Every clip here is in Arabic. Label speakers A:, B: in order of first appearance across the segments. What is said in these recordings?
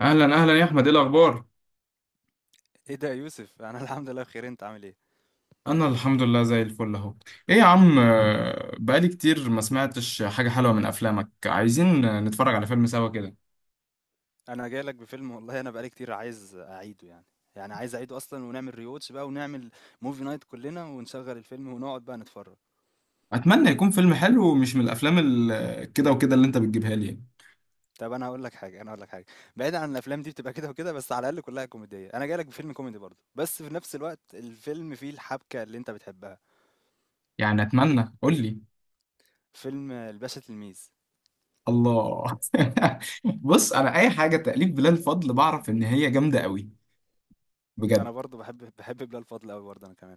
A: اهلا اهلا يا احمد، ايه الاخبار؟
B: ايه ده يا يوسف انا الحمد لله بخير، انت عامل ايه؟
A: انا الحمد لله زي الفل اهو. ايه يا عم، بقالي كتير ما سمعتش حاجه حلوه من افلامك. عايزين نتفرج على فيلم سوا كده.
B: انا جاي لك بفيلم والله، انا بقالي كتير عايز اعيده يعني. يعني عايز اعيده اصلا ونعمل ريواتش بقى ونعمل موفي نايت كلنا ونشغل الفيلم ونقعد بقى نتفرج.
A: اتمنى يكون فيلم حلو ومش من الافلام كده وكده اللي انت بتجيبها لي، يعني.
B: طب انا هقول لك حاجه، بعيد عن الافلام دي بتبقى كده وكده، بس على الاقل كلها كوميديه. انا جاي لك بفيلم كوميدي برضه، بس في نفس الوقت الفيلم فيه الحبكه اللي انت بتحبها.
A: يعني اتمنى، قول لي.
B: فيلم الباشا تلميذ.
A: الله. بص، انا اي حاجه تأليف بلال فضل بعرف ان هي جامده قوي.
B: انا
A: بجد.
B: برضه بحب بلال فضل قوي برضه انا كمان.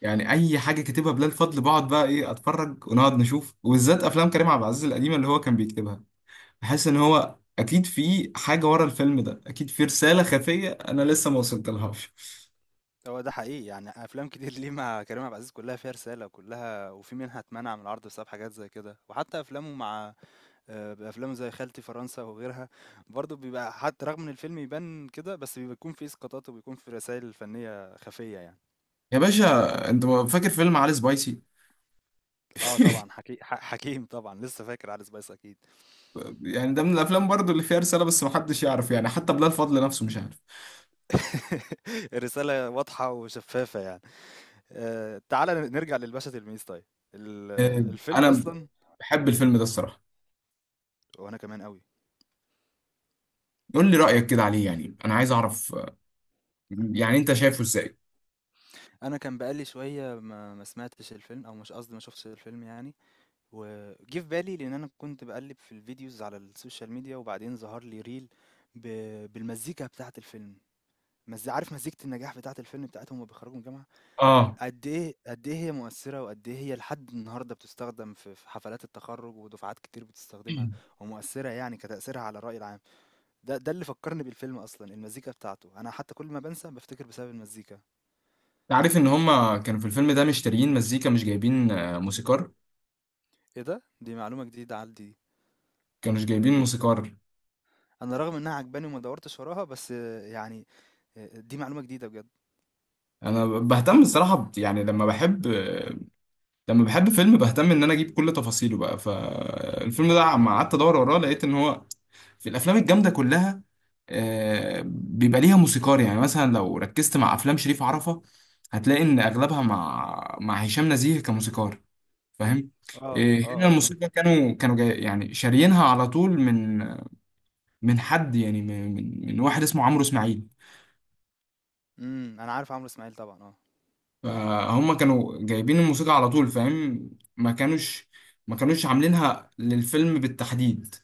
A: يعني اي حاجه كاتبها بلال فضل بقعد بقى ايه اتفرج ونقعد نشوف، وبالذات افلام كريم عبد العزيز القديمه اللي هو كان بيكتبها. بحس ان هو اكيد في حاجه ورا الفيلم ده، اكيد في رساله خفيه انا لسه ما وصلتلهاش.
B: هو ده حقيقي، يعني افلام كتير ليه مع كريم عبد العزيز كلها فيها رساله، وكلها وفي منها اتمنع من العرض بسبب حاجات زي كده. وحتى افلامه مع افلامه زي خالتي فرنسا وغيرها برضه بيبقى، حتى رغم ان الفيلم يبان كده بس بيكون فيه اسقاطات وبيكون فيه رسائل فنيه خفيه يعني.
A: يا باشا، انت فاكر فيلم علي سبايسي؟
B: اه طبعا حكيم طبعا لسه فاكر علي سبايس اكيد.
A: يعني ده من الافلام برضو اللي فيها رساله، بس ما حدش يعرف، يعني حتى بلال فضل نفسه مش عارف.
B: الرساله واضحه وشفافه يعني. تعالى نرجع للباشا تلميذ طيب. ال-
A: آه،
B: الفيلم
A: انا
B: اصلا.
A: بحب الفيلم ده الصراحه.
B: وانا كمان قوي.
A: قول لي رايك كده عليه، يعني انا عايز اعرف. يعني انت شايفه ازاي؟
B: انا كان بقالي شويه ما سمعتش الفيلم، او مش قصدي، ما شفتش الفيلم يعني. وجه في بالي لان انا كنت بقلب في الفيديوز على السوشيال ميديا، وبعدين ظهر لي ريل ب... بالمزيكا بتاعه الفيلم. عارف مزيكه النجاح بتاعه الفيلم بتاعتهم وهما بيخرجوا من الجامعه؟
A: اه،
B: قد ايه هي مؤثره، وقد ايه هي لحد النهارده بتستخدم في حفلات التخرج، ودفعات كتير بتستخدمها
A: انت
B: ومؤثره، يعني كتاثيرها على الراي العام. ده اللي فكرني بالفيلم اصلا، المزيكا بتاعته. انا حتى كل ما بنسى بفتكر بسبب المزيكا.
A: عارف ان هما كانوا في الفيلم ده مشتريين مزيكا مش جايبين موسيقار.
B: ايه ده، دي معلومه جديده عندي.
A: كانوا مش جايبين موسيقار.
B: انا رغم انها عجباني وما دورتش وراها، بس يعني، دي معلومة جديدة بجد.
A: انا بهتم الصراحه يعني لما بحب. لما بحب فيلم بهتم ان انا اجيب كل تفاصيله بقى. فالفيلم ده عم قعدت ادور وراه، لقيت ان هو في الافلام الجامده كلها بيبقى ليها موسيقار. يعني مثلا لو ركزت مع افلام شريف عرفة هتلاقي ان اغلبها مع هشام نزيه كموسيقار. فاهم.
B: اه اه
A: هنا
B: اه اه
A: الموسيقى كانوا جاي، يعني شاريينها على طول من حد، يعني من واحد اسمه عمرو اسماعيل.
B: انا عارف عمرو اسماعيل طبعا، اه.
A: فهم كانوا جايبين الموسيقى على طول، فاهم. ما كانوش ما كانوش عاملينها للفيلم بالتحديد.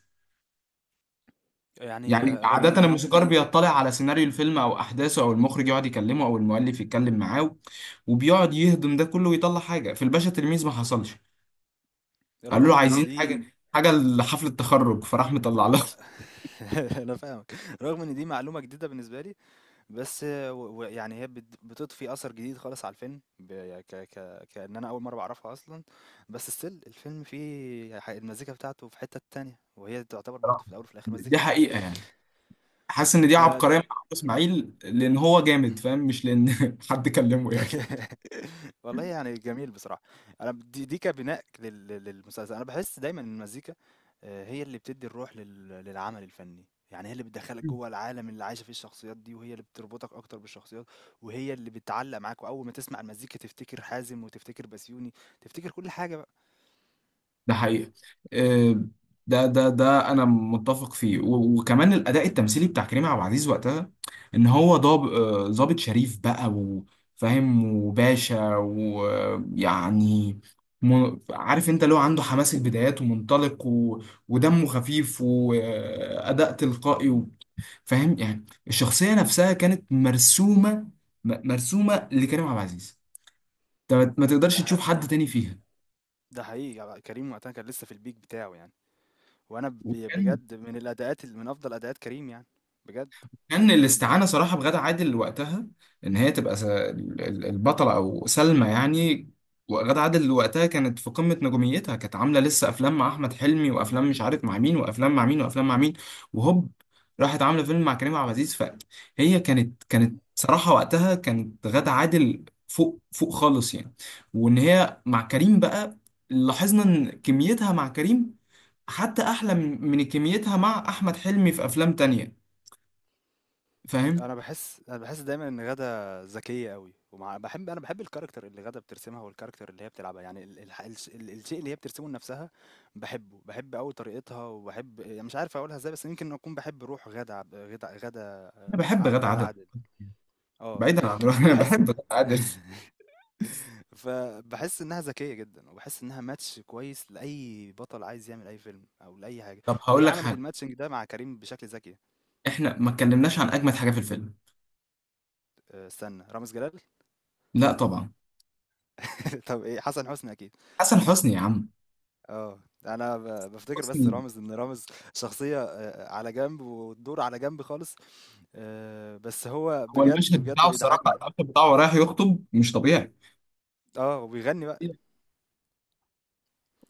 B: يعني
A: يعني
B: رغم ان
A: عادة
B: دي،
A: الموسيقار بيطلع على سيناريو الفيلم أو أحداثه، أو المخرج يقعد يكلمه، أو المؤلف يتكلم معاه وبيقعد يهضم ده كله ويطلع حاجة. في الباشا تلميذ ما حصلش. قالوا
B: رغم
A: له
B: ان
A: عايزين
B: دي
A: حاجة لحفلة التخرج، فراح مطلع لهم.
B: انا فاهمك. رغم ان دي معلومة جديدة بالنسبة لي، بس يعني هي بتضفي اثر جديد خالص على الفيلم، يعني ك ك كأن انا اول مرة بعرفها اصلا. بس ستيل الفيلم فيه المزيكا بتاعته في حتة تانية، وهي تعتبر برضه
A: صراحة.
B: في الاول وفي الاخر
A: دي
B: مزيكة
A: حقيقة، يعني حاسس إن دي
B: الفيلم.
A: عبقرية مع عمرو إسماعيل لأن هو جامد، فاهم؟ مش لأن حد كلمه، يعني.
B: والله يعني جميل بصراحة. أنا دي كبناء للمسلسل، أنا باحس دايمًا إن المزيكا هي اللي بتدّي الروح للعمل الفني، يعني هي اللي بتدخّلك جوّه العالم اللي عايشة فيه الشخصيات دي، وهي اللي بتربطك أكتر بالشخصيات، وهي اللي بتعلّق معاك، وأول ما تسمع المزيكا تفتكر حازم، وتفتكر بسيوني، تفتكر كل حاجة بقى.
A: ده حقيقة. آه، ده انا متفق فيه، وكمان الاداء التمثيلي بتاع كريم عبد العزيز وقتها ان هو ضابط شريف بقى وفاهم وباشا، ويعني عارف انت اللي هو عنده حماس البدايات ومنطلق، و... ودمه خفيف واداء تلقائي، و... فاهم؟ يعني الشخصية نفسها كانت مرسومة مرسومة لكريم عبد العزيز. انت ما
B: ده
A: تقدرش
B: ح
A: تشوف حد تاني فيها.
B: ده حقيقي بقى، كريم وقتها كان لسه في الpeak بتاعه يعني، وأنا
A: وكان
B: بجد من الأداءات من أفضل أداءات كريم يعني، بجد.
A: كان الاستعانة صراحة بغادة عادل وقتها إن هي تبقى البطلة، أو سلمى يعني. وغادة عادل وقتها كانت في قمة نجوميتها، كانت عاملة لسه أفلام مع أحمد حلمي، وأفلام مش عارف مع مين، وأفلام مع مين، وأفلام مع مين، وهوب، راحت عاملة فيلم مع كريم عبد العزيز. فهي كانت صراحة وقتها، كانت غادة عادل فوق فوق خالص، يعني. وإن هي مع كريم بقى، لاحظنا إن كميتها مع كريم حتى أحلى من كميتها مع أحمد حلمي في أفلام تانية، فاهم؟
B: انا باحس دايما ان غادة ذكية قوي، ومع بحب انا بحب الكاركتر اللي غادة بترسمها، والكاركتر اللي هي بتلعبها، يعني الشيء اللي هي بترسمه لنفسها بحبه، بحب قوي طريقتها، وبحب، يعني مش عارف اقولها ازاي، بس يمكن اكون بحب روح غادة عب- غادة غادة
A: انا
B: آه،
A: بحب
B: ع-
A: غادة
B: غادة
A: عادل.
B: عادل. اه
A: بعيدا عن انا
B: وبحس
A: بحب غادة عادل.
B: فبحس انها ذكيه جدا، وبحس انها ماتش كويس لاي بطل عايز يعمل اي فيلم او لاي حاجه،
A: طب
B: وهي
A: هقول لك
B: عملت
A: حاجه،
B: الماتشنج ده مع كريم بشكل ذكي.
A: احنا ما اتكلمناش عن اجمد حاجه في الفيلم.
B: أه، استنى، رامز جلال.
A: لا، طبعا.
B: طب ايه، حسن حسني اكيد.
A: حسن حسني يا عم.
B: آه، أنا بافتكر بس
A: حسني.
B: رامز، إن رامز شخصية على جنب، والدور على جنب خالص، بس هو
A: هو
B: بجد،
A: المشهد
B: بجد
A: بتاعه الصراحه،
B: بيضحّكني.
A: المشهد بتاعه رايح يخطب مش طبيعي.
B: آه، وبيغنّي بقى،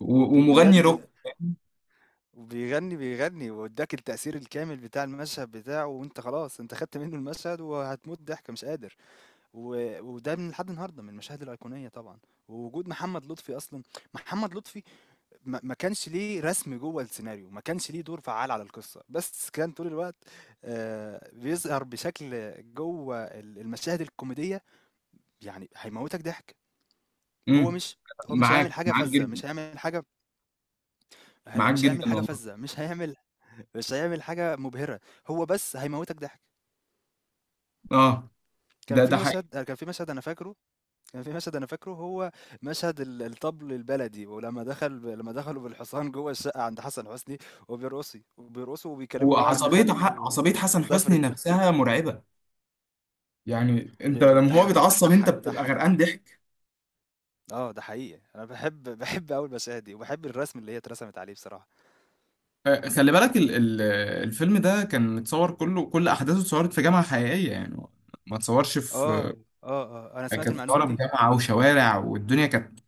A: ومغني روك.
B: بجد، وبيغنّي، بيغنّي وادّاك التأثير الكامل بتاع المشهد بتاعه، وأنت خلاص، أنت خدت منّه المشهد وهتموت ضحك مش قادر، وده من لحد النهارده من المشاهد الأيقونية طبعًا. ووجود محمد لطفي أصلًا، محمد لطفي ما كانش ليه رسم جوّه السيناريو، ما كانش ليه دور فعّال على القصة، بس كان طول الوقت بيظهر بشكل جوّه المشاهد الكوميدية، يعني هيموّتك ضحك، هو
A: امم.
B: مش هو مش هيعمل
A: معاك
B: حاجة
A: معاك
B: فَذّة،
A: جدا.
B: مش هيعمل حاجة،
A: معاك
B: مش
A: جدا
B: هيعمل حاجة
A: والله.
B: فَذّة، مش هيعمل مش هيعمل حاجة مُبهرة، هو بس هيموّتك ضحك.
A: اه،
B: كان
A: ده
B: في
A: ده حقيقي.
B: مشهد كان في مشهد أنا فاكره، كان في مشهد انا فاكره هو مشهد الطبل البلدي، ولما دخل لما دخلوا بالحصان جوه الشقه عند حسن حسني وبيرقصي، وبيرقصوا وبيكلموا بقى ان خالته
A: عصبيه
B: آه،
A: حسن حسني
B: سافرت.
A: نفسها مرعبه. يعني انت لما هو
B: بتضحك
A: بيتعصب انت
B: بتضحك
A: بتبقى
B: بتضحك يعني.
A: غرقان ضحك.
B: اه ده حقيقي، انا بحب قوي المشاهد دي، وبحب الرسم اللي هي اترسمت عليه بصراحه.
A: خلي بالك الفيلم ده كان متصور كله، كل احداثه اتصورت في جامعه حقيقيه، يعني ما اتصورش
B: اه اه انا سمعت
A: كانت
B: المعلومه
A: صورة في
B: دي.
A: جامعه وشوارع والدنيا، كانت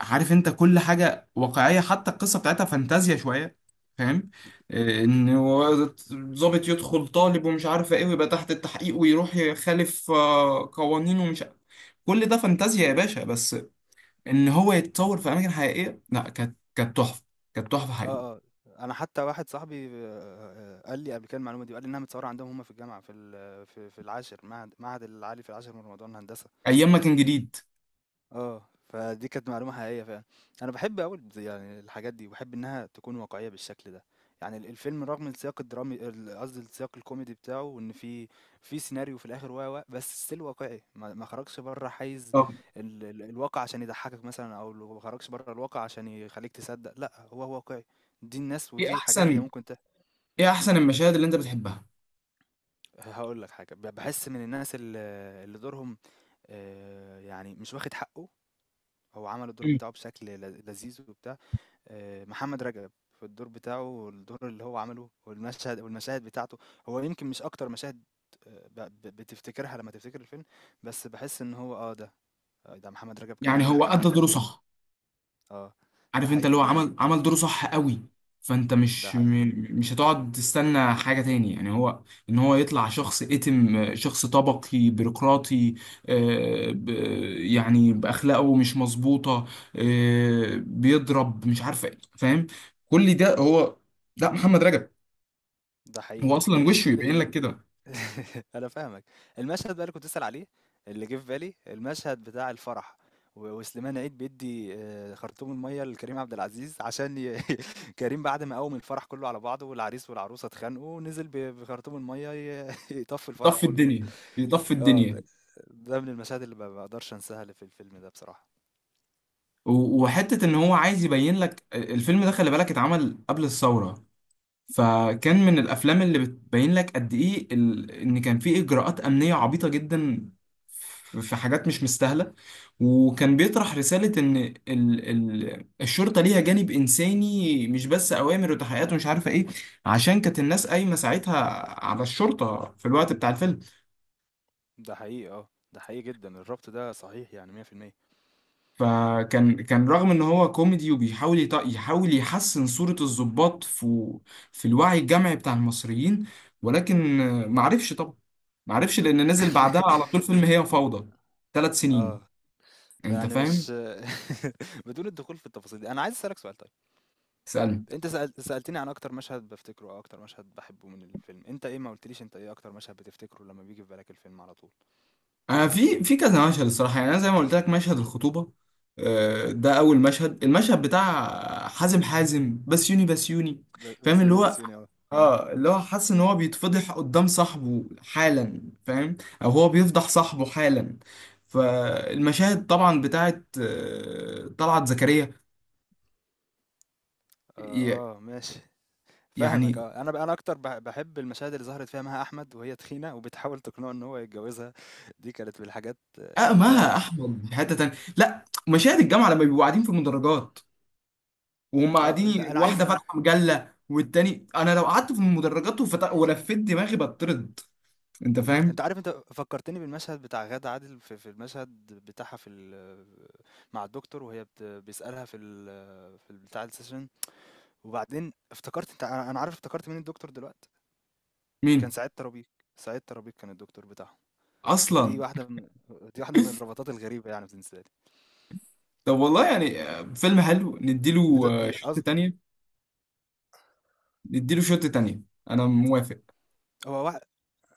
A: عارف انت كل حاجه واقعيه، حتى القصه بتاعتها فانتازيا شويه، فاهم؟ ان هو ضابط يدخل طالب ومش عارف ايه، ويبقى تحت التحقيق ويروح يخالف قوانين، ومش كل ده فانتازيا يا باشا، بس ان هو يتصور في اماكن حقيقيه، لا، كانت تحفه. كانت تحفه حقيقيه.
B: اه اه انا حتى واحد صاحبي قال لي قبل كده المعلومه دي، وقال لي انها متصوره عندهم هم في الجامعه، في في العاشر، معهد العالي في العاشر من رمضان هندسه.
A: ايام ما كان جديد.
B: آه، فدي كانت معلومة حقيقية فعلًا. أنا باحب أوي البز، يعني الحاجات دي، وباحب إنها تكون واقعية بالشكل ده. يعني الفيلم رغم السياق الدرامي قصدي السياق الكوميدي بتاعه، وإن في في سيناريو في الآخر و، و، بس still واقعي، ما خرجش برّه حيز
A: طب،
B: ال ال الواقع عشان يضحّكك مثلًا، أو ما خرجش برّه الواقع عشان يخلّيك تصدّق، لأ، هو واقعي. دي الناس
A: ايه
B: ودي حاجات هي
A: احسن،
B: ممكن
A: ايه احسن المشاهد اللي انت بتحبها؟
B: هاقول لك حاجة، باحس من الناس اللي دورهم يعني مش واخد حقّه، هو عمل الدور
A: مم.
B: بتاعه بشكل لذيذ وبتاع، آه، محمد رجب في الدور بتاعه، والدور اللي هو عمله، والمشهد والمشاهد بتاعته، هو يمكن مش اكتر مشاهد بتفتكرها لما تفتكر الفيلم، بس بحس ان هو اه ده، آه، ده محمد رجب كان
A: يعني
B: عامل
A: هو
B: حاجة
A: ادى
B: جامدة
A: دوره
B: قوي يعني.
A: صح.
B: اه ده
A: عارف انت اللي
B: حقيقي.
A: هو عمل دوره صح قوي. فانت
B: ده
A: مش
B: ح-
A: مش هتقعد تستنى حاجة تاني، يعني هو ان هو يطلع شخص اتم شخص طبقي بيروقراطي، آه، ب- يعني باخلاقه مش مظبوطة، بيضرب مش عارف ايه، فاهم؟ كل ده هو ده محمد رجب.
B: ده حقيقي.
A: هو اصلا
B: آه،
A: وشه يبين لك كده.
B: أنا فاهمك. المشهد بقى اللي كنت بتسأل عليه، اللي جه في بالي، المشهد بتاع الفرح، وسليمان عيد بيدّي خرطوم المَيّة لكريم عبد العزيز عشان كريم بعد ما قوّم الفرح كُلّه على بعضه، والعريس والعروسة اتخانقوا، نزل بخرطوم المَيّة يطفّي الفرح
A: يطفي
B: كُلّه بقى.
A: الدنيا، يطفي
B: آه،
A: الدنيا.
B: ده من المشاهد اللي ما باقدرش أنساها اللي في الفيلم ده بصراحة.
A: وحتة ان هو عايز يبين لك الفيلم ده، خلي بالك اتعمل قبل الثورة. فكان من الافلام اللي بتبين لك قد ايه، ان كان في اجراءات امنية عبيطة جدا، في حاجات مش مستاهلة. وكان بيطرح رسالة ان الشرطة ليها جانب انساني، مش بس اوامر وتحقيقات ومش عارفة ايه، عشان كانت الناس قايمة ساعتها على الشرطة في الوقت بتاع الفيلم.
B: ده حقيقي، آه، ده حقيقي جدًا، الربط ده صحيح يعني 100%.
A: فكان رغم ان هو كوميدي وبيحاول يحاول يحسن صورة الضباط في الوعي الجمعي بتاع المصريين، ولكن معرفش طبعا، معرفش لان نزل بعدها على طول فيلم هي فوضى، 3 سنين،
B: آه،
A: انت
B: يعني
A: فاهم.
B: مش بدون الدخول في التفاصيل دي، أنا عايز أسألك سؤال طيب.
A: اسالني.
B: انت سألتني عن اكتر مشهد بفتكره، او اكتر مشهد بحبه من الفيلم، انت ايه؟ ما قلتليش انت ايه اكتر مشهد بتفتكره لما بيجي في بالك الفيلم على طول؟
A: انا في كذا مشهد الصراحة، يعني انا زي ما قلت لك مشهد الخطوبة. ده اول المشهد بتاع حازم بسيوني،
B: ب-
A: فاهم؟ اللي
B: بسيوني
A: هو،
B: بسيوني اه.
A: اه، اللي هو حاسس ان هو بيتفضح قدام صاحبه حالا، فاهم؟ او هو بيفضح صاحبه حالا. فالمشاهد طبعا بتاعت طلعت زكريا. ي-
B: اه ماشي. فاهمك
A: يعني
B: اه. انا بقى انا اكتر بحب المشاهد اللي ظهرت فيها مها احمد، وهي تخينه وبتحاول تقنعه ان هو يتجوزها. دي كانت من الحاجات اللي فيها.
A: اقمها احمد في حته تانيه، لا، مشاهد الجامعه لما بيبقوا قاعدين في المدرجات وهم
B: اه
A: قاعدين،
B: ده انا
A: واحده
B: عايز،
A: فاتحه مجله، والتاني انا لو قعدت في المدرجات ولفيت دماغي بطرد. انت فاهم؟
B: انت عارف انت فكرتني بالمشهد بتاع غادة عادل في، في المشهد بتاعها في مع الدكتور، وهي بيسألها في بتاع السيشن، وبعدين افتكرت انت، انا أنا عارف، افتكرت مين الدكتور دلوقتي، كان
A: مين
B: سعيد ترابيك. سعيد ترابيك كان الدكتور بتاعهم. ودي
A: اصلا.
B: واحده من، دي واحده من الرباطات الغريبه يعني بالنسبه لي.
A: طب والله يعني، فيلم حلو
B: ان
A: نديله
B: انت أز...
A: شوط تانية. نديله شوت تانية. انا موافق.
B: هو واحد،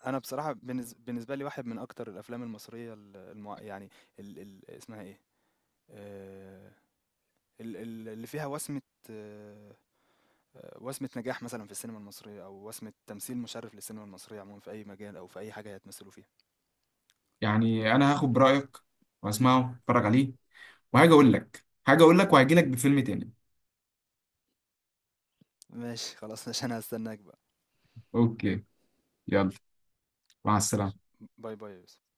B: انا بصراحه بالنسبه لي واحد من اكتر الافلام المصريه يعني اسمها ايه، آه، اللي فيها وسمه، آه، وسمه نجاح مثلا في السينما المصريه، او وسمه تمثيل مشرف للسينما المصريه عموما في اي مجال او في اي حاجه هيتمثلوا فيها.
A: يعني انا هاخد برأيك واسمعه اتفرج عليه، وهاجي اقول لك، وهجي لك بفيلم تاني.
B: ماشي خلاص، ماشي انا هستناك بقى.
A: اوكي. يلا. مع
B: خلاص ماشي.
A: السلامة.
B: باي باي يا يوسف.